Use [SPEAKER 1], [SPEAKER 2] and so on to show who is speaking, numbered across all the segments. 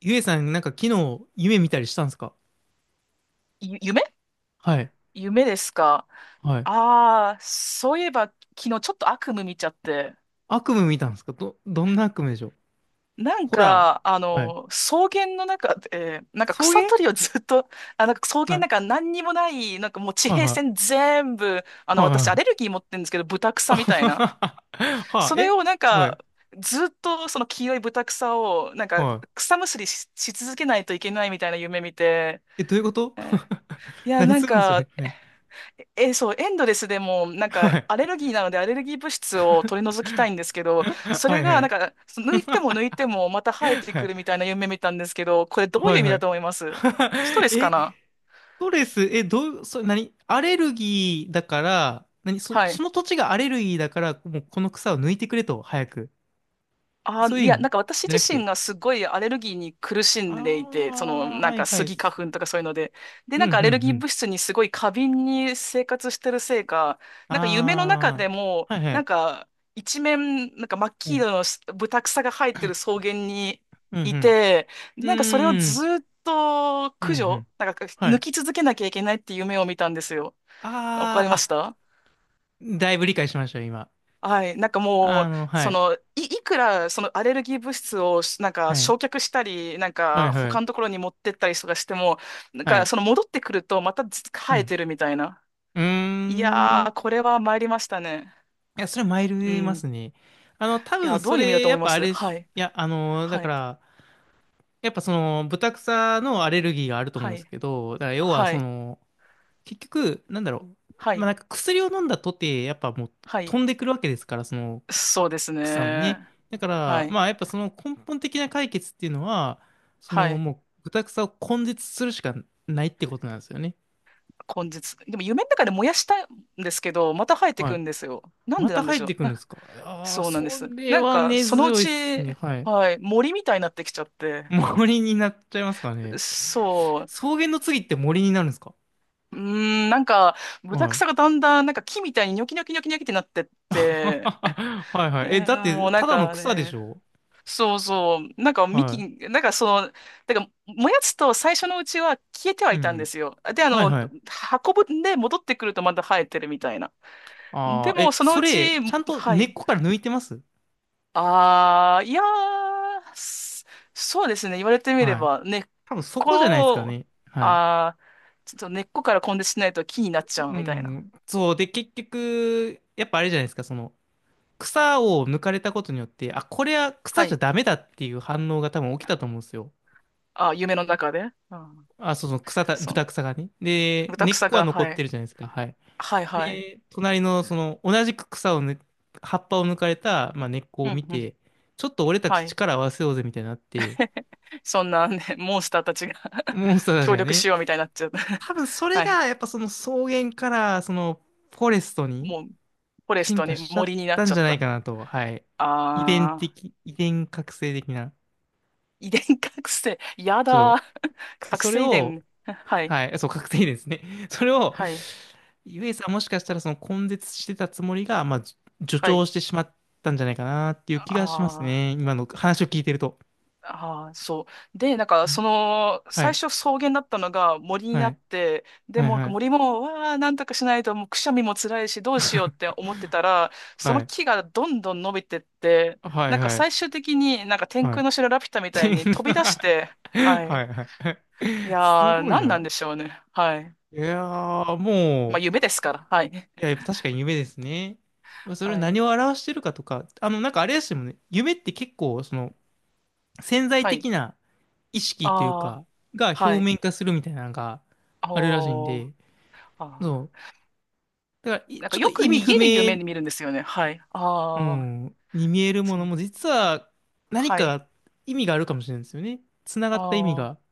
[SPEAKER 1] ゆえさん、なんか昨日夢見たりしたんですか？
[SPEAKER 2] ゆ夢
[SPEAKER 1] はい。
[SPEAKER 2] 夢ですか？
[SPEAKER 1] はい。
[SPEAKER 2] そういえば昨日ちょっと悪夢見ちゃって、
[SPEAKER 1] 悪夢見たんですか？ど、どんな悪夢でしょう？
[SPEAKER 2] なん
[SPEAKER 1] ホラ
[SPEAKER 2] か、
[SPEAKER 1] ー。はい。
[SPEAKER 2] 草原の中で、なんか
[SPEAKER 1] 送
[SPEAKER 2] 草
[SPEAKER 1] 迎。
[SPEAKER 2] 取りをずっと、あ、なんか草
[SPEAKER 1] は
[SPEAKER 2] 原
[SPEAKER 1] い。
[SPEAKER 2] なんか何にもない、なんかもう地
[SPEAKER 1] はい
[SPEAKER 2] 平
[SPEAKER 1] は
[SPEAKER 2] 線
[SPEAKER 1] い。
[SPEAKER 2] 全部、私ア
[SPEAKER 1] は
[SPEAKER 2] レ
[SPEAKER 1] い。
[SPEAKER 2] ルギー持ってるんですけど、ブタ
[SPEAKER 1] あ
[SPEAKER 2] みたい
[SPEAKER 1] は
[SPEAKER 2] な。
[SPEAKER 1] は はは
[SPEAKER 2] それ
[SPEAKER 1] え。
[SPEAKER 2] をなん
[SPEAKER 1] は
[SPEAKER 2] か、
[SPEAKER 1] い。
[SPEAKER 2] ずっとその黄色いブタを、なんか
[SPEAKER 1] は
[SPEAKER 2] 草むしりし続けないといけないみたいな夢見て、
[SPEAKER 1] い。え、どういうこと？
[SPEAKER 2] えー
[SPEAKER 1] 何
[SPEAKER 2] なん
[SPEAKER 1] すんのそ
[SPEAKER 2] か、
[SPEAKER 1] れ。はい。
[SPEAKER 2] え、そう、エンドレスでも、なん
[SPEAKER 1] は
[SPEAKER 2] か、
[SPEAKER 1] い。
[SPEAKER 2] アレルギーなので、アレルギー物質を取り除きたいんですけ ど、そ
[SPEAKER 1] は
[SPEAKER 2] れ
[SPEAKER 1] い
[SPEAKER 2] が、
[SPEAKER 1] は
[SPEAKER 2] な
[SPEAKER 1] い。
[SPEAKER 2] んか、抜いても抜いても、また生え て
[SPEAKER 1] は
[SPEAKER 2] く
[SPEAKER 1] い。
[SPEAKER 2] るみたいな夢見たんですけど、これどう
[SPEAKER 1] は
[SPEAKER 2] いう
[SPEAKER 1] い
[SPEAKER 2] 意味
[SPEAKER 1] は
[SPEAKER 2] だと
[SPEAKER 1] い。
[SPEAKER 2] 思います？スト レスか
[SPEAKER 1] え、
[SPEAKER 2] な？
[SPEAKER 1] ストレス、え、どう、それ何アレルギーだから、何そ、
[SPEAKER 2] は
[SPEAKER 1] そ
[SPEAKER 2] い。
[SPEAKER 1] の土地がアレルギーだから、もうこの草を抜いてくれと、早く。
[SPEAKER 2] あ、
[SPEAKER 1] そういう
[SPEAKER 2] い
[SPEAKER 1] 意
[SPEAKER 2] や、
[SPEAKER 1] 味
[SPEAKER 2] なんか私
[SPEAKER 1] じゃ
[SPEAKER 2] 自
[SPEAKER 1] なく
[SPEAKER 2] 身
[SPEAKER 1] て、
[SPEAKER 2] がすごいアレルギーに苦しんでい
[SPEAKER 1] あ
[SPEAKER 2] て、その、
[SPEAKER 1] あ、
[SPEAKER 2] なん
[SPEAKER 1] はい
[SPEAKER 2] か
[SPEAKER 1] は
[SPEAKER 2] ス
[SPEAKER 1] い。
[SPEAKER 2] ギ花粉とかそういうので、で、
[SPEAKER 1] うん
[SPEAKER 2] な
[SPEAKER 1] う
[SPEAKER 2] んか
[SPEAKER 1] ん
[SPEAKER 2] ア
[SPEAKER 1] う
[SPEAKER 2] レルギー
[SPEAKER 1] ん。
[SPEAKER 2] 物質にすごい過敏に生活してるせいか、なんか夢の中
[SPEAKER 1] あ
[SPEAKER 2] でも、
[SPEAKER 1] あ、はいは
[SPEAKER 2] なん
[SPEAKER 1] い。
[SPEAKER 2] か一面、なんか真っ
[SPEAKER 1] う
[SPEAKER 2] 黄
[SPEAKER 1] ん。
[SPEAKER 2] 色のブタクサが生えてる草原に
[SPEAKER 1] うんう
[SPEAKER 2] い
[SPEAKER 1] ん。
[SPEAKER 2] て、
[SPEAKER 1] う
[SPEAKER 2] なんかそれを
[SPEAKER 1] ー
[SPEAKER 2] ず
[SPEAKER 1] ん。
[SPEAKER 2] ーっと
[SPEAKER 1] うん
[SPEAKER 2] 駆
[SPEAKER 1] うん。
[SPEAKER 2] 除、なんか
[SPEAKER 1] は
[SPEAKER 2] 抜
[SPEAKER 1] い。
[SPEAKER 2] き続けなきゃいけないっていう夢を見たんですよ。わか
[SPEAKER 1] あ
[SPEAKER 2] り
[SPEAKER 1] あ、
[SPEAKER 2] まし
[SPEAKER 1] あ、
[SPEAKER 2] た？
[SPEAKER 1] だいぶ理解しましたよ、今。
[SPEAKER 2] はい、なんかも
[SPEAKER 1] あ
[SPEAKER 2] う、
[SPEAKER 1] の、は
[SPEAKER 2] そ
[SPEAKER 1] い。
[SPEAKER 2] の、いくらそのアレルギー物質をしなんか
[SPEAKER 1] はい。
[SPEAKER 2] 焼却したり、なん
[SPEAKER 1] はい
[SPEAKER 2] か
[SPEAKER 1] は
[SPEAKER 2] 他
[SPEAKER 1] い。
[SPEAKER 2] のところに持ってったりとかしても、なん
[SPEAKER 1] は
[SPEAKER 2] か
[SPEAKER 1] い。
[SPEAKER 2] その戻ってくるとまたず
[SPEAKER 1] う
[SPEAKER 2] 生え
[SPEAKER 1] ん。
[SPEAKER 2] てるみたいな。
[SPEAKER 1] うー
[SPEAKER 2] い
[SPEAKER 1] ん。
[SPEAKER 2] や
[SPEAKER 1] い
[SPEAKER 2] ー、これは参りましたね。
[SPEAKER 1] や、それはマイ
[SPEAKER 2] う
[SPEAKER 1] ルいま
[SPEAKER 2] ん。
[SPEAKER 1] す
[SPEAKER 2] い
[SPEAKER 1] ね。あの、多
[SPEAKER 2] や、
[SPEAKER 1] 分
[SPEAKER 2] ど
[SPEAKER 1] そ
[SPEAKER 2] ういう意味だ
[SPEAKER 1] れ、
[SPEAKER 2] と
[SPEAKER 1] や
[SPEAKER 2] 思
[SPEAKER 1] っ
[SPEAKER 2] いま
[SPEAKER 1] ぱあ
[SPEAKER 2] す？
[SPEAKER 1] れで
[SPEAKER 2] は
[SPEAKER 1] す。
[SPEAKER 2] い、
[SPEAKER 1] いや、あの、だ
[SPEAKER 2] は
[SPEAKER 1] か
[SPEAKER 2] い、
[SPEAKER 1] ら、やっぱその、ブタクサのアレルギーがあると思う
[SPEAKER 2] は
[SPEAKER 1] んです
[SPEAKER 2] い、
[SPEAKER 1] けど、だから要は
[SPEAKER 2] は
[SPEAKER 1] そ
[SPEAKER 2] い、
[SPEAKER 1] の、結局、なんだろ
[SPEAKER 2] は
[SPEAKER 1] う。まあ、
[SPEAKER 2] い、
[SPEAKER 1] なんか薬を飲んだとて、やっぱもう
[SPEAKER 2] は
[SPEAKER 1] 飛
[SPEAKER 2] い。
[SPEAKER 1] んでくるわけですから、その
[SPEAKER 2] そうです
[SPEAKER 1] 草のね。
[SPEAKER 2] ね。
[SPEAKER 1] だか
[SPEAKER 2] は
[SPEAKER 1] ら、
[SPEAKER 2] い、
[SPEAKER 1] まあ、やっぱその根本的な解決っていうのは、そ
[SPEAKER 2] は
[SPEAKER 1] の
[SPEAKER 2] い。
[SPEAKER 1] もう豚草を根絶するしかないってことなんですよね。
[SPEAKER 2] 根絶。でも夢の中で燃やしたんですけど、また生えて
[SPEAKER 1] は
[SPEAKER 2] くんで
[SPEAKER 1] い。
[SPEAKER 2] すよ。なん
[SPEAKER 1] ま
[SPEAKER 2] でな
[SPEAKER 1] た
[SPEAKER 2] んで
[SPEAKER 1] 入
[SPEAKER 2] し
[SPEAKER 1] っ
[SPEAKER 2] ょう。
[SPEAKER 1] てくるんですか？ああー、
[SPEAKER 2] そうなんで
[SPEAKER 1] そ
[SPEAKER 2] す。
[SPEAKER 1] れ
[SPEAKER 2] なん
[SPEAKER 1] は
[SPEAKER 2] か、
[SPEAKER 1] 根
[SPEAKER 2] そのう
[SPEAKER 1] 強いっ
[SPEAKER 2] ち、
[SPEAKER 1] すね。はい。
[SPEAKER 2] はい、森みたいになってきちゃって。
[SPEAKER 1] 森になっちゃいますかね。
[SPEAKER 2] そう。
[SPEAKER 1] 草原の次って森になるんですか？
[SPEAKER 2] うーん、なんか、ブタ
[SPEAKER 1] は
[SPEAKER 2] ク
[SPEAKER 1] い。
[SPEAKER 2] サがだんだん、なんか木みたいにニョキニョキニョキニョキってなってっ て、
[SPEAKER 1] はいは
[SPEAKER 2] え
[SPEAKER 1] い。え、だっ
[SPEAKER 2] ーも
[SPEAKER 1] て、
[SPEAKER 2] うなん
[SPEAKER 1] ただの
[SPEAKER 2] か
[SPEAKER 1] 草でし
[SPEAKER 2] ね、
[SPEAKER 1] ょ？
[SPEAKER 2] そうそう、なんか幹、
[SPEAKER 1] は
[SPEAKER 2] なんかその、だから燃やすと最初のうちは消えては
[SPEAKER 1] い。う
[SPEAKER 2] いたんで
[SPEAKER 1] ん。
[SPEAKER 2] すよ。で、あ
[SPEAKER 1] はい
[SPEAKER 2] の、
[SPEAKER 1] はい。
[SPEAKER 2] 運ぶんで戻ってくるとまた生えてるみたいな。で
[SPEAKER 1] ああ、
[SPEAKER 2] も、
[SPEAKER 1] え、
[SPEAKER 2] その
[SPEAKER 1] そ
[SPEAKER 2] うち、
[SPEAKER 1] れ、ちゃんと
[SPEAKER 2] は
[SPEAKER 1] 根っ
[SPEAKER 2] い。
[SPEAKER 1] こから抜いてます？
[SPEAKER 2] ああ、いやー、すそうですね。言われてみれ
[SPEAKER 1] はい。
[SPEAKER 2] ばね、根っ
[SPEAKER 1] 多分そこじゃないです
[SPEAKER 2] こ
[SPEAKER 1] か
[SPEAKER 2] を、
[SPEAKER 1] ね。はい。
[SPEAKER 2] ああ、ちょっと根っこから根絶しないと木になっちゃう
[SPEAKER 1] う
[SPEAKER 2] みたいな。
[SPEAKER 1] ん。そう。で、結局、やっぱあれじゃないですか、その、草を抜かれたことによって、あ、これは
[SPEAKER 2] は
[SPEAKER 1] 草じゃ
[SPEAKER 2] い。
[SPEAKER 1] ダメだっていう反応が多分起きたと思うんですよ。
[SPEAKER 2] あー夢の中で。うん。
[SPEAKER 1] あ、そうそう、草た、
[SPEAKER 2] そ
[SPEAKER 1] 豚
[SPEAKER 2] う。
[SPEAKER 1] 草がね。で、
[SPEAKER 2] ブタ
[SPEAKER 1] 根っこは
[SPEAKER 2] が、
[SPEAKER 1] 残
[SPEAKER 2] は
[SPEAKER 1] って
[SPEAKER 2] い。
[SPEAKER 1] るじゃないですか。はい。
[SPEAKER 2] はいはい。
[SPEAKER 1] で、隣の、その、同じく草をぬ、葉っぱを抜かれた、まあ、根っこ
[SPEAKER 2] う
[SPEAKER 1] を
[SPEAKER 2] ん
[SPEAKER 1] 見
[SPEAKER 2] うん。
[SPEAKER 1] て、ちょっと俺た
[SPEAKER 2] は
[SPEAKER 1] ち
[SPEAKER 2] い。
[SPEAKER 1] 力を合わせようぜみたいになって、
[SPEAKER 2] そんなね、モンスターたちが
[SPEAKER 1] モンスターたち
[SPEAKER 2] 協
[SPEAKER 1] が
[SPEAKER 2] 力
[SPEAKER 1] ね、
[SPEAKER 2] しようみたいになっちゃった。
[SPEAKER 1] 多分そ れ
[SPEAKER 2] はい。
[SPEAKER 1] がやっぱその草原からそのフォレストに
[SPEAKER 2] もう、フォレス
[SPEAKER 1] 進
[SPEAKER 2] ト
[SPEAKER 1] 化
[SPEAKER 2] に
[SPEAKER 1] しちゃ
[SPEAKER 2] 森
[SPEAKER 1] っ
[SPEAKER 2] になっ
[SPEAKER 1] たん
[SPEAKER 2] ちゃ
[SPEAKER 1] じ
[SPEAKER 2] っ
[SPEAKER 1] ゃない
[SPEAKER 2] た。
[SPEAKER 1] かなと、はい。遺伝
[SPEAKER 2] ああ、
[SPEAKER 1] 的、遺伝覚醒的な、
[SPEAKER 2] 遺伝覚醒。や
[SPEAKER 1] ちょっ
[SPEAKER 2] だー。
[SPEAKER 1] と、
[SPEAKER 2] 覚
[SPEAKER 1] それ
[SPEAKER 2] 醒遺
[SPEAKER 1] を、
[SPEAKER 2] 伝。はい。
[SPEAKER 1] はい、そう、覚醒ですね。それを、
[SPEAKER 2] はい。
[SPEAKER 1] ゆえさんもしかしたらその根絶してたつもりが、まあ、じ助
[SPEAKER 2] は
[SPEAKER 1] 長
[SPEAKER 2] い。
[SPEAKER 1] してしまったんじゃないかなっていう気がします
[SPEAKER 2] あ
[SPEAKER 1] ね。今の話を聞いてると。
[SPEAKER 2] あ、ああ、そう。で、なんか、その、
[SPEAKER 1] は
[SPEAKER 2] 最
[SPEAKER 1] い、
[SPEAKER 2] 初草原だったのが森に
[SPEAKER 1] は
[SPEAKER 2] なっ
[SPEAKER 1] い、
[SPEAKER 2] て、で
[SPEAKER 1] はい、
[SPEAKER 2] も、
[SPEAKER 1] はい、
[SPEAKER 2] 森も、わあ、なんとかしないと、もうくしゃみも辛いし、どうしようって思ってたら、そ
[SPEAKER 1] は
[SPEAKER 2] の
[SPEAKER 1] い、
[SPEAKER 2] 木がどんどん伸びてって、
[SPEAKER 1] は
[SPEAKER 2] な
[SPEAKER 1] い、はい、
[SPEAKER 2] んか
[SPEAKER 1] はい。
[SPEAKER 2] 最終的になんか天
[SPEAKER 1] はい、
[SPEAKER 2] 空の城ラピュタみたいに飛び出し て、は
[SPEAKER 1] は
[SPEAKER 2] い。
[SPEAKER 1] い。はい。
[SPEAKER 2] い
[SPEAKER 1] す
[SPEAKER 2] やー、
[SPEAKER 1] ごい
[SPEAKER 2] 何なん
[SPEAKER 1] な。
[SPEAKER 2] でしょうね。はい。
[SPEAKER 1] いやー、
[SPEAKER 2] まあ、
[SPEAKER 1] もう、
[SPEAKER 2] 夢ですから。はい。
[SPEAKER 1] いや、やっぱ確かに夢ですね。まあそれ
[SPEAKER 2] は
[SPEAKER 1] 何
[SPEAKER 2] い。
[SPEAKER 1] を表してるかとか、あの、なんかあれですよね。夢って結構、その、潜在
[SPEAKER 2] はい。
[SPEAKER 1] 的な意識という
[SPEAKER 2] ああ、
[SPEAKER 1] か、が表
[SPEAKER 2] はい。
[SPEAKER 1] 面化するみたいなのがあるらしいん
[SPEAKER 2] おー。
[SPEAKER 1] で、
[SPEAKER 2] あ
[SPEAKER 1] そう。
[SPEAKER 2] ー
[SPEAKER 1] だから、い
[SPEAKER 2] なんか
[SPEAKER 1] ちょっと
[SPEAKER 2] よく
[SPEAKER 1] 意味
[SPEAKER 2] 逃
[SPEAKER 1] 不
[SPEAKER 2] げる夢
[SPEAKER 1] 明、
[SPEAKER 2] で見るんですよね。はい。
[SPEAKER 1] う
[SPEAKER 2] ああ、
[SPEAKER 1] ん、に見えるも
[SPEAKER 2] そ
[SPEAKER 1] の
[SPEAKER 2] う。
[SPEAKER 1] も、実は何
[SPEAKER 2] はい。
[SPEAKER 1] か意味があるかもしれないですよね。つなが
[SPEAKER 2] あ
[SPEAKER 1] った意味が。
[SPEAKER 2] あ。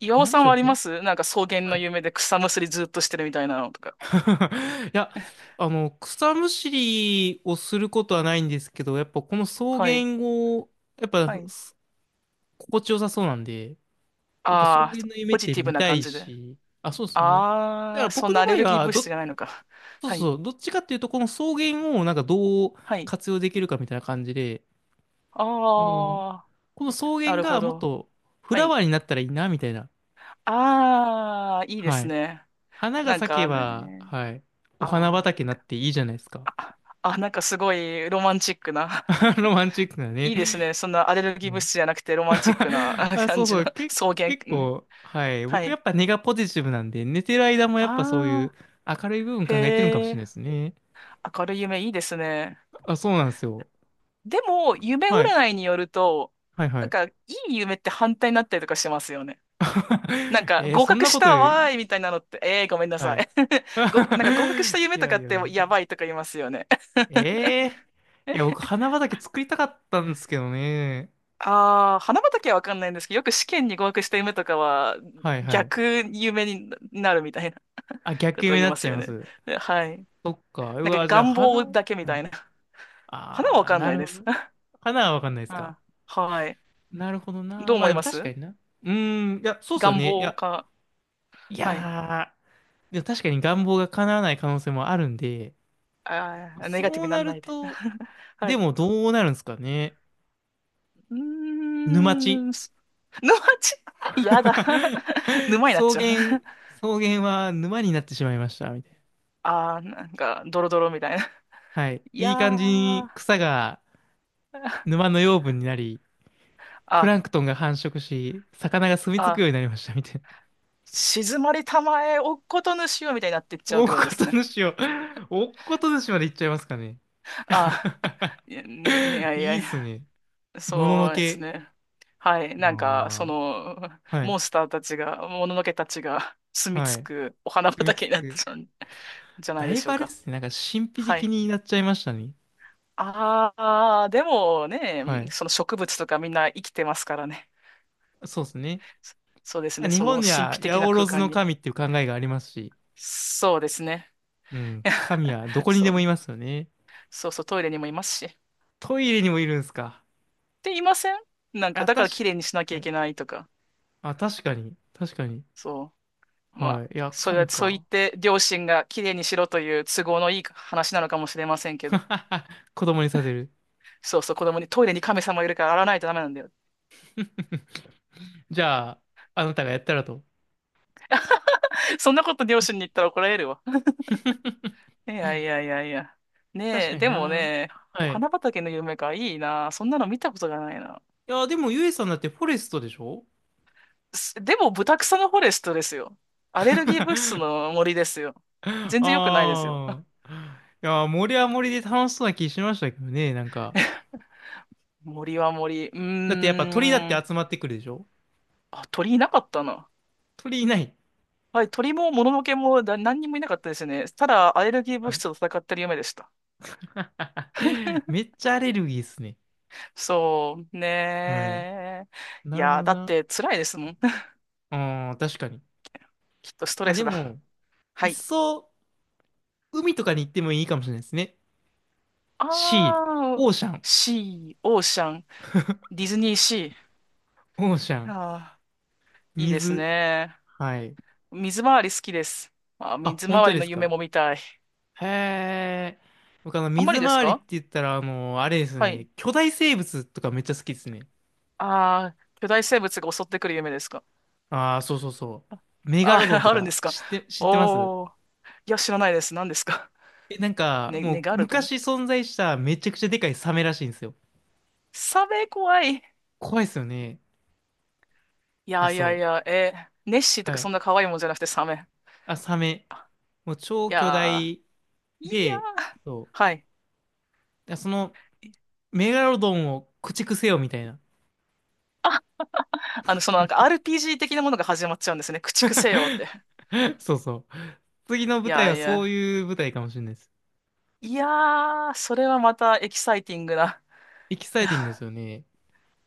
[SPEAKER 2] 岩尾
[SPEAKER 1] なんで
[SPEAKER 2] さ
[SPEAKER 1] し
[SPEAKER 2] んは
[SPEAKER 1] ょう
[SPEAKER 2] ありま
[SPEAKER 1] ね。
[SPEAKER 2] す？なんか草原
[SPEAKER 1] は
[SPEAKER 2] の
[SPEAKER 1] い。
[SPEAKER 2] 夢で草むしりずっとしてるみたいなのとか。
[SPEAKER 1] いや、あの、草むしりをすることはないんですけど、やっぱこの草
[SPEAKER 2] はい。
[SPEAKER 1] 原を、やっぱ
[SPEAKER 2] はい。
[SPEAKER 1] す心地よさそうなんで、やっぱ草
[SPEAKER 2] あ
[SPEAKER 1] 原
[SPEAKER 2] あ、
[SPEAKER 1] の夢っ
[SPEAKER 2] ポジ
[SPEAKER 1] て
[SPEAKER 2] ティブ
[SPEAKER 1] 見
[SPEAKER 2] な
[SPEAKER 1] た
[SPEAKER 2] 感
[SPEAKER 1] い
[SPEAKER 2] じで。
[SPEAKER 1] し、あ、そうですね。だか
[SPEAKER 2] あ
[SPEAKER 1] ら
[SPEAKER 2] あ、そ
[SPEAKER 1] 僕
[SPEAKER 2] んな
[SPEAKER 1] の
[SPEAKER 2] ア
[SPEAKER 1] 場
[SPEAKER 2] レ
[SPEAKER 1] 合
[SPEAKER 2] ルギー
[SPEAKER 1] は、
[SPEAKER 2] 物質
[SPEAKER 1] ど、
[SPEAKER 2] じゃないのか。
[SPEAKER 1] そう
[SPEAKER 2] はい。
[SPEAKER 1] そう、どっちかっていうと、この草原をなんかどう
[SPEAKER 2] はい。
[SPEAKER 1] 活用できるかみたいな感じで、この
[SPEAKER 2] ああ、
[SPEAKER 1] 草原
[SPEAKER 2] なる
[SPEAKER 1] が
[SPEAKER 2] ほ
[SPEAKER 1] もっ
[SPEAKER 2] ど。
[SPEAKER 1] とフ
[SPEAKER 2] は
[SPEAKER 1] ラ
[SPEAKER 2] い。
[SPEAKER 1] ワーになったらいいな、みたいな。
[SPEAKER 2] ああ、いいで
[SPEAKER 1] は
[SPEAKER 2] す
[SPEAKER 1] い。
[SPEAKER 2] ね。
[SPEAKER 1] 花が
[SPEAKER 2] なん
[SPEAKER 1] 咲け
[SPEAKER 2] か
[SPEAKER 1] ば、
[SPEAKER 2] ね、
[SPEAKER 1] はい。お花
[SPEAKER 2] あ
[SPEAKER 1] 畑にな
[SPEAKER 2] ー
[SPEAKER 1] っていいじゃないですか。
[SPEAKER 2] あ、あ、なんかすごいロマンチックな。
[SPEAKER 1] ロマンチックなね。
[SPEAKER 2] いいですね。そんなアレル
[SPEAKER 1] う
[SPEAKER 2] ギー物
[SPEAKER 1] ん。
[SPEAKER 2] 質じゃなくてロマンチックな あ
[SPEAKER 1] あ、
[SPEAKER 2] 感
[SPEAKER 1] そう
[SPEAKER 2] じ
[SPEAKER 1] そ
[SPEAKER 2] の
[SPEAKER 1] う、け、
[SPEAKER 2] 草原。
[SPEAKER 1] 結
[SPEAKER 2] ね？
[SPEAKER 1] 構、はい。
[SPEAKER 2] は
[SPEAKER 1] 僕や
[SPEAKER 2] い。
[SPEAKER 1] っぱ根がポジティブなんで、寝てる間もやっぱそうい
[SPEAKER 2] あ
[SPEAKER 1] う
[SPEAKER 2] あ、
[SPEAKER 1] 明るい部分考えてるんかも
[SPEAKER 2] へ
[SPEAKER 1] しれ
[SPEAKER 2] え、
[SPEAKER 1] ないですね。
[SPEAKER 2] 明るい夢いいですね。
[SPEAKER 1] あ、そうなんですよ。
[SPEAKER 2] でも、夢
[SPEAKER 1] はい。
[SPEAKER 2] 占いによると、
[SPEAKER 1] はいは
[SPEAKER 2] なん
[SPEAKER 1] い。
[SPEAKER 2] か、いい夢って反対になったりとかしますよね。なん か、
[SPEAKER 1] えー、
[SPEAKER 2] 合
[SPEAKER 1] そん
[SPEAKER 2] 格
[SPEAKER 1] な
[SPEAKER 2] し
[SPEAKER 1] こと、
[SPEAKER 2] たわーいみたいなのって、ええー、ごめんな
[SPEAKER 1] は
[SPEAKER 2] さ
[SPEAKER 1] い。
[SPEAKER 2] い。ご、なんか合格した
[SPEAKER 1] い
[SPEAKER 2] 夢と
[SPEAKER 1] や
[SPEAKER 2] か
[SPEAKER 1] い
[SPEAKER 2] っ
[SPEAKER 1] や
[SPEAKER 2] て
[SPEAKER 1] い
[SPEAKER 2] や
[SPEAKER 1] や。
[SPEAKER 2] ばいとか言いますよね。
[SPEAKER 1] え え。いや、僕、花畑作りたかったんですけどね。
[SPEAKER 2] ああ、花畑はわかんないんですけど、よく試験に合格した夢とかは
[SPEAKER 1] はいはい。
[SPEAKER 2] 逆夢になるみたいな
[SPEAKER 1] あ、
[SPEAKER 2] こ
[SPEAKER 1] 逆
[SPEAKER 2] とを
[SPEAKER 1] 夢に
[SPEAKER 2] 言い
[SPEAKER 1] なっ
[SPEAKER 2] ま
[SPEAKER 1] ち
[SPEAKER 2] す
[SPEAKER 1] ゃい
[SPEAKER 2] よ
[SPEAKER 1] ま
[SPEAKER 2] ね。
[SPEAKER 1] す。
[SPEAKER 2] ではい。
[SPEAKER 1] そっか。う
[SPEAKER 2] なんか
[SPEAKER 1] わ、じゃあ
[SPEAKER 2] 願望
[SPEAKER 1] 花、は
[SPEAKER 2] だけみたい
[SPEAKER 1] い。
[SPEAKER 2] な。花はわ
[SPEAKER 1] あー、
[SPEAKER 2] かん
[SPEAKER 1] な
[SPEAKER 2] ない
[SPEAKER 1] る
[SPEAKER 2] で
[SPEAKER 1] ほ
[SPEAKER 2] す。
[SPEAKER 1] ど。花はわかんないですか？
[SPEAKER 2] あ、はい。
[SPEAKER 1] なるほど
[SPEAKER 2] ど
[SPEAKER 1] な。
[SPEAKER 2] う
[SPEAKER 1] まあ
[SPEAKER 2] 思い
[SPEAKER 1] でも
[SPEAKER 2] ま
[SPEAKER 1] 確か
[SPEAKER 2] す？
[SPEAKER 1] にな。うーん、いや、そうっすよ
[SPEAKER 2] 願
[SPEAKER 1] ね。い
[SPEAKER 2] 望
[SPEAKER 1] や、
[SPEAKER 2] か。
[SPEAKER 1] い
[SPEAKER 2] はい。
[SPEAKER 1] やー、でも確かに願望が叶わない可能性もあるんで、
[SPEAKER 2] あー、ネガティ
[SPEAKER 1] そ
[SPEAKER 2] ブ
[SPEAKER 1] う
[SPEAKER 2] にな
[SPEAKER 1] な
[SPEAKER 2] ん
[SPEAKER 1] る
[SPEAKER 2] ないで。
[SPEAKER 1] と、
[SPEAKER 2] は
[SPEAKER 1] で
[SPEAKER 2] い。
[SPEAKER 1] もどうなるんですかね。
[SPEAKER 2] う
[SPEAKER 1] 沼地。
[SPEAKER 2] ーん、す沼地、や だ。沼になっ
[SPEAKER 1] 草
[SPEAKER 2] ちゃう。
[SPEAKER 1] 原、草原は沼になってしまいました、みたいな。
[SPEAKER 2] あー、なんか、ドロドロみたいな。
[SPEAKER 1] はい。
[SPEAKER 2] いや
[SPEAKER 1] いい感じ
[SPEAKER 2] ー、
[SPEAKER 1] に草が沼 の養分になり、プ
[SPEAKER 2] あ、
[SPEAKER 1] ランクトンが繁殖し、魚が住み着くよう
[SPEAKER 2] あ、
[SPEAKER 1] になりました、みたいな。
[SPEAKER 2] 静まりたまえ、おっことぬしよみたいになってっちゃうっ
[SPEAKER 1] おっ
[SPEAKER 2] てことで
[SPEAKER 1] こ
[SPEAKER 2] す
[SPEAKER 1] と
[SPEAKER 2] ね。
[SPEAKER 1] 主を、おっこと主まで行っちゃいますかね。
[SPEAKER 2] あー、いやね、ね、いや いや
[SPEAKER 1] いい
[SPEAKER 2] い
[SPEAKER 1] っす
[SPEAKER 2] や。
[SPEAKER 1] ね。ものの
[SPEAKER 2] そうです
[SPEAKER 1] け。
[SPEAKER 2] ね。はい。なんか、そ
[SPEAKER 1] あ
[SPEAKER 2] の、
[SPEAKER 1] あ、はい。
[SPEAKER 2] モンスターたちが、もののけたちが 住み着
[SPEAKER 1] はい。
[SPEAKER 2] くお花
[SPEAKER 1] 組み
[SPEAKER 2] 畑
[SPEAKER 1] つ
[SPEAKER 2] になっ
[SPEAKER 1] く。
[SPEAKER 2] ちゃうんじゃ ない
[SPEAKER 1] だ
[SPEAKER 2] で
[SPEAKER 1] い
[SPEAKER 2] し
[SPEAKER 1] ぶ
[SPEAKER 2] ょう
[SPEAKER 1] あれっ
[SPEAKER 2] か。
[SPEAKER 1] すね。なんか神秘
[SPEAKER 2] は
[SPEAKER 1] 的
[SPEAKER 2] い。
[SPEAKER 1] になっちゃいましたね。
[SPEAKER 2] ああ、でもね、
[SPEAKER 1] はい。
[SPEAKER 2] その植物とかみんな生きてますからね。
[SPEAKER 1] そうですね。
[SPEAKER 2] そそうです
[SPEAKER 1] まあ
[SPEAKER 2] ね。
[SPEAKER 1] 日
[SPEAKER 2] そ
[SPEAKER 1] 本
[SPEAKER 2] の
[SPEAKER 1] に
[SPEAKER 2] 神
[SPEAKER 1] は
[SPEAKER 2] 秘的
[SPEAKER 1] 八
[SPEAKER 2] な
[SPEAKER 1] 百
[SPEAKER 2] 空
[SPEAKER 1] 万
[SPEAKER 2] 間
[SPEAKER 1] の
[SPEAKER 2] に。
[SPEAKER 1] 神っていう考えがありますし、
[SPEAKER 2] そうですね。
[SPEAKER 1] うん。神 はどこに
[SPEAKER 2] そ
[SPEAKER 1] でもい
[SPEAKER 2] う。
[SPEAKER 1] ますよね。
[SPEAKER 2] そうそう、トイレにもいますし。っ
[SPEAKER 1] トイレにもいるんすか。
[SPEAKER 2] て言いません？なんか、
[SPEAKER 1] あ、
[SPEAKER 2] だか
[SPEAKER 1] 確
[SPEAKER 2] ら綺麗にしなき
[SPEAKER 1] か、
[SPEAKER 2] ゃ
[SPEAKER 1] は
[SPEAKER 2] い
[SPEAKER 1] い。
[SPEAKER 2] けないとか。
[SPEAKER 1] あ、確かに。確かに。
[SPEAKER 2] そう。まあ、
[SPEAKER 1] はい。いや、
[SPEAKER 2] それは、
[SPEAKER 1] 神
[SPEAKER 2] そう言っ
[SPEAKER 1] か。
[SPEAKER 2] て両親がきれいにしろという都合のいい話なのかもしれませんけど。
[SPEAKER 1] 子供にさせる。
[SPEAKER 2] そうそう、子供にトイレに神様いるから洗わないとダメなんだよ。
[SPEAKER 1] じゃあ、あなたがやったらと。
[SPEAKER 2] そんなこと両親に言ったら怒られるわ。いやいやいやいや。
[SPEAKER 1] 確
[SPEAKER 2] ね
[SPEAKER 1] か
[SPEAKER 2] え、
[SPEAKER 1] に
[SPEAKER 2] でも
[SPEAKER 1] な。
[SPEAKER 2] ね、お
[SPEAKER 1] はい。
[SPEAKER 2] 花畑の夢か、いいな。そんなの見たことがないな。
[SPEAKER 1] いや、でも、ゆえさんだってフォレストでしょ？
[SPEAKER 2] すでも、ブタクサのフォレストですよ。アレルギー物質 の森ですよ。
[SPEAKER 1] あ
[SPEAKER 2] 全然良くないですよ。
[SPEAKER 1] あ。いやー、森は森で楽しそうな気しましたけどね、なんか。
[SPEAKER 2] 森は森。う
[SPEAKER 1] だってやっぱ鳥だっ
[SPEAKER 2] ー
[SPEAKER 1] て
[SPEAKER 2] ん。
[SPEAKER 1] 集まってくるでしょ？
[SPEAKER 2] あ、鳥いなかったな。
[SPEAKER 1] 鳥いない。
[SPEAKER 2] はい、鳥ももののけもだ何にもいなかったですね。ただ、アレルギー物
[SPEAKER 1] はい。
[SPEAKER 2] 質と戦ってる夢でした。
[SPEAKER 1] め っちゃアレルギーっすね。
[SPEAKER 2] そう
[SPEAKER 1] はい。
[SPEAKER 2] ねー。い
[SPEAKER 1] なるほ
[SPEAKER 2] やー、
[SPEAKER 1] ど
[SPEAKER 2] だっ
[SPEAKER 1] な。
[SPEAKER 2] て辛いですもん。
[SPEAKER 1] ああ、確かに。
[SPEAKER 2] きっとスト
[SPEAKER 1] まあ
[SPEAKER 2] レ
[SPEAKER 1] で
[SPEAKER 2] スだ。
[SPEAKER 1] も、い
[SPEAKER 2] は
[SPEAKER 1] っ
[SPEAKER 2] い。
[SPEAKER 1] そ、海とかに行ってもいいかもしれないですね。
[SPEAKER 2] あ
[SPEAKER 1] シー、
[SPEAKER 2] ー、
[SPEAKER 1] オーシャン、
[SPEAKER 2] シー、オーシャン、ディズニーシ
[SPEAKER 1] オーシャ
[SPEAKER 2] ー。
[SPEAKER 1] ン、
[SPEAKER 2] あー、いいです
[SPEAKER 1] 水。
[SPEAKER 2] ね。
[SPEAKER 1] はい。
[SPEAKER 2] 水回り好きです。あー、
[SPEAKER 1] あ、
[SPEAKER 2] 水
[SPEAKER 1] 本
[SPEAKER 2] 回
[SPEAKER 1] 当
[SPEAKER 2] り
[SPEAKER 1] で
[SPEAKER 2] の
[SPEAKER 1] す
[SPEAKER 2] 夢
[SPEAKER 1] か。
[SPEAKER 2] も見たい。
[SPEAKER 1] へえ。僕あの、
[SPEAKER 2] あんま
[SPEAKER 1] 水
[SPEAKER 2] りです
[SPEAKER 1] 回りって
[SPEAKER 2] か？
[SPEAKER 1] 言ったら、あの、あれです
[SPEAKER 2] はい。
[SPEAKER 1] ね、巨大生物とかめっちゃ好きですね。
[SPEAKER 2] あー、巨大生物が襲ってくる夢ですか？
[SPEAKER 1] ああ、そうそうそ
[SPEAKER 2] あ、
[SPEAKER 1] う。メガロド
[SPEAKER 2] あ
[SPEAKER 1] ン と
[SPEAKER 2] あるんで
[SPEAKER 1] か
[SPEAKER 2] すか？
[SPEAKER 1] 知って、知ってます？
[SPEAKER 2] おー。いや、知らないです。何ですか？
[SPEAKER 1] え、なんか、
[SPEAKER 2] ね、ネ
[SPEAKER 1] もう
[SPEAKER 2] ガルドン。
[SPEAKER 1] 昔存在しためちゃくちゃでかいサメらしいんですよ。
[SPEAKER 2] サメ怖い。
[SPEAKER 1] 怖いですよね。い
[SPEAKER 2] い
[SPEAKER 1] や、
[SPEAKER 2] やいやい
[SPEAKER 1] そ
[SPEAKER 2] や、えーネッシー
[SPEAKER 1] う。
[SPEAKER 2] と
[SPEAKER 1] は
[SPEAKER 2] かそ
[SPEAKER 1] い。
[SPEAKER 2] んな可愛いもんじゃなくてサメ。
[SPEAKER 1] あ、サメ。
[SPEAKER 2] あ
[SPEAKER 1] もう超
[SPEAKER 2] い
[SPEAKER 1] 巨
[SPEAKER 2] や
[SPEAKER 1] 大
[SPEAKER 2] ー、いや
[SPEAKER 1] で、
[SPEAKER 2] ー、
[SPEAKER 1] そ
[SPEAKER 2] は
[SPEAKER 1] う。
[SPEAKER 2] い。
[SPEAKER 1] いやその、メガロドンを駆逐せよみたいな。
[SPEAKER 2] あの、そのなんか RPG 的なものが始まっちゃうんですね。駆逐せよって。
[SPEAKER 1] そうそう。次の
[SPEAKER 2] い
[SPEAKER 1] 舞台
[SPEAKER 2] や
[SPEAKER 1] は
[SPEAKER 2] い
[SPEAKER 1] そう
[SPEAKER 2] や、
[SPEAKER 1] いう舞台かもしれないです。
[SPEAKER 2] いやー、それはまたエキサイティングな。
[SPEAKER 1] エキサイティングで すよね。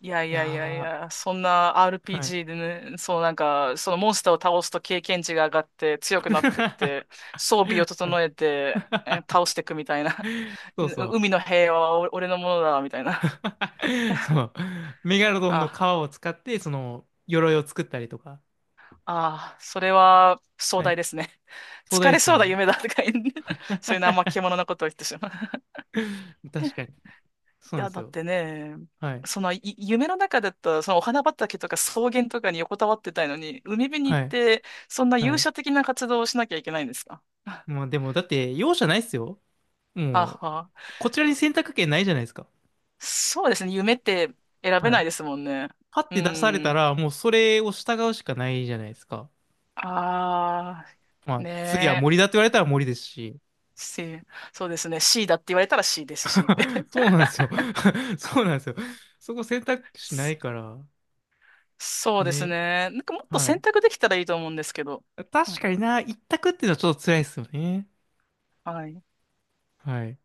[SPEAKER 2] いやい
[SPEAKER 1] いや
[SPEAKER 2] やいやいや、
[SPEAKER 1] ー、
[SPEAKER 2] そんな
[SPEAKER 1] はい。
[SPEAKER 2] RPG でね、そうなんか、そのモンスターを倒すと経験値が上がって強くなってっ て、装備を整えて、え倒していくみたいな。
[SPEAKER 1] そう
[SPEAKER 2] う
[SPEAKER 1] そう。
[SPEAKER 2] 海の平和はお俺のものだ、みたいな。
[SPEAKER 1] そ の、メガロドンの皮
[SPEAKER 2] あ、
[SPEAKER 1] を使って、その、鎧を作ったりとか。
[SPEAKER 2] ああ、それは壮
[SPEAKER 1] はい。
[SPEAKER 2] 大ですね。
[SPEAKER 1] 壮大
[SPEAKER 2] 疲
[SPEAKER 1] で
[SPEAKER 2] れ
[SPEAKER 1] す
[SPEAKER 2] そうな
[SPEAKER 1] ね。
[SPEAKER 2] 夢だとか言う そういうのあんま 獣なことを言ってしまう。
[SPEAKER 1] 確かに。そうなん
[SPEAKER 2] や、
[SPEAKER 1] です
[SPEAKER 2] だっ
[SPEAKER 1] よ。
[SPEAKER 2] てね、
[SPEAKER 1] はい。
[SPEAKER 2] その、い夢の中だったら、そのお花畑とか草原とかに横たわってたいのに、海辺に
[SPEAKER 1] は
[SPEAKER 2] 行っ
[SPEAKER 1] い。
[SPEAKER 2] て、そんな
[SPEAKER 1] は
[SPEAKER 2] 勇
[SPEAKER 1] い。
[SPEAKER 2] 者的な活動をしなきゃいけないんですか？
[SPEAKER 1] まあでも、だって、容赦ないっすよ。
[SPEAKER 2] あ
[SPEAKER 1] も
[SPEAKER 2] は。
[SPEAKER 1] う、こちらに選択権ないじゃないですか。
[SPEAKER 2] そうですね、夢って選べ
[SPEAKER 1] は
[SPEAKER 2] ない
[SPEAKER 1] い。
[SPEAKER 2] ですもんね。
[SPEAKER 1] パッ
[SPEAKER 2] う
[SPEAKER 1] て出された
[SPEAKER 2] ん。
[SPEAKER 1] ら、もうそれを従うしかないじゃないですか。
[SPEAKER 2] あ
[SPEAKER 1] ま
[SPEAKER 2] あ、
[SPEAKER 1] あ、次は
[SPEAKER 2] ね
[SPEAKER 1] 森
[SPEAKER 2] え。
[SPEAKER 1] だって言われたら森ですし。
[SPEAKER 2] C、そうですね。C だって言われたら C ですし。
[SPEAKER 1] そうなんですよ。そうなんですよ。そこ選択 肢な
[SPEAKER 2] そ
[SPEAKER 1] いから。
[SPEAKER 2] そうです
[SPEAKER 1] ね。
[SPEAKER 2] ね。なんかもっと
[SPEAKER 1] は
[SPEAKER 2] 選
[SPEAKER 1] い。
[SPEAKER 2] 択できたらいいと思うんですけど。は
[SPEAKER 1] 確
[SPEAKER 2] い。
[SPEAKER 1] かにな、一択っていうのはちょっと辛いですよね。
[SPEAKER 2] はい
[SPEAKER 1] はい。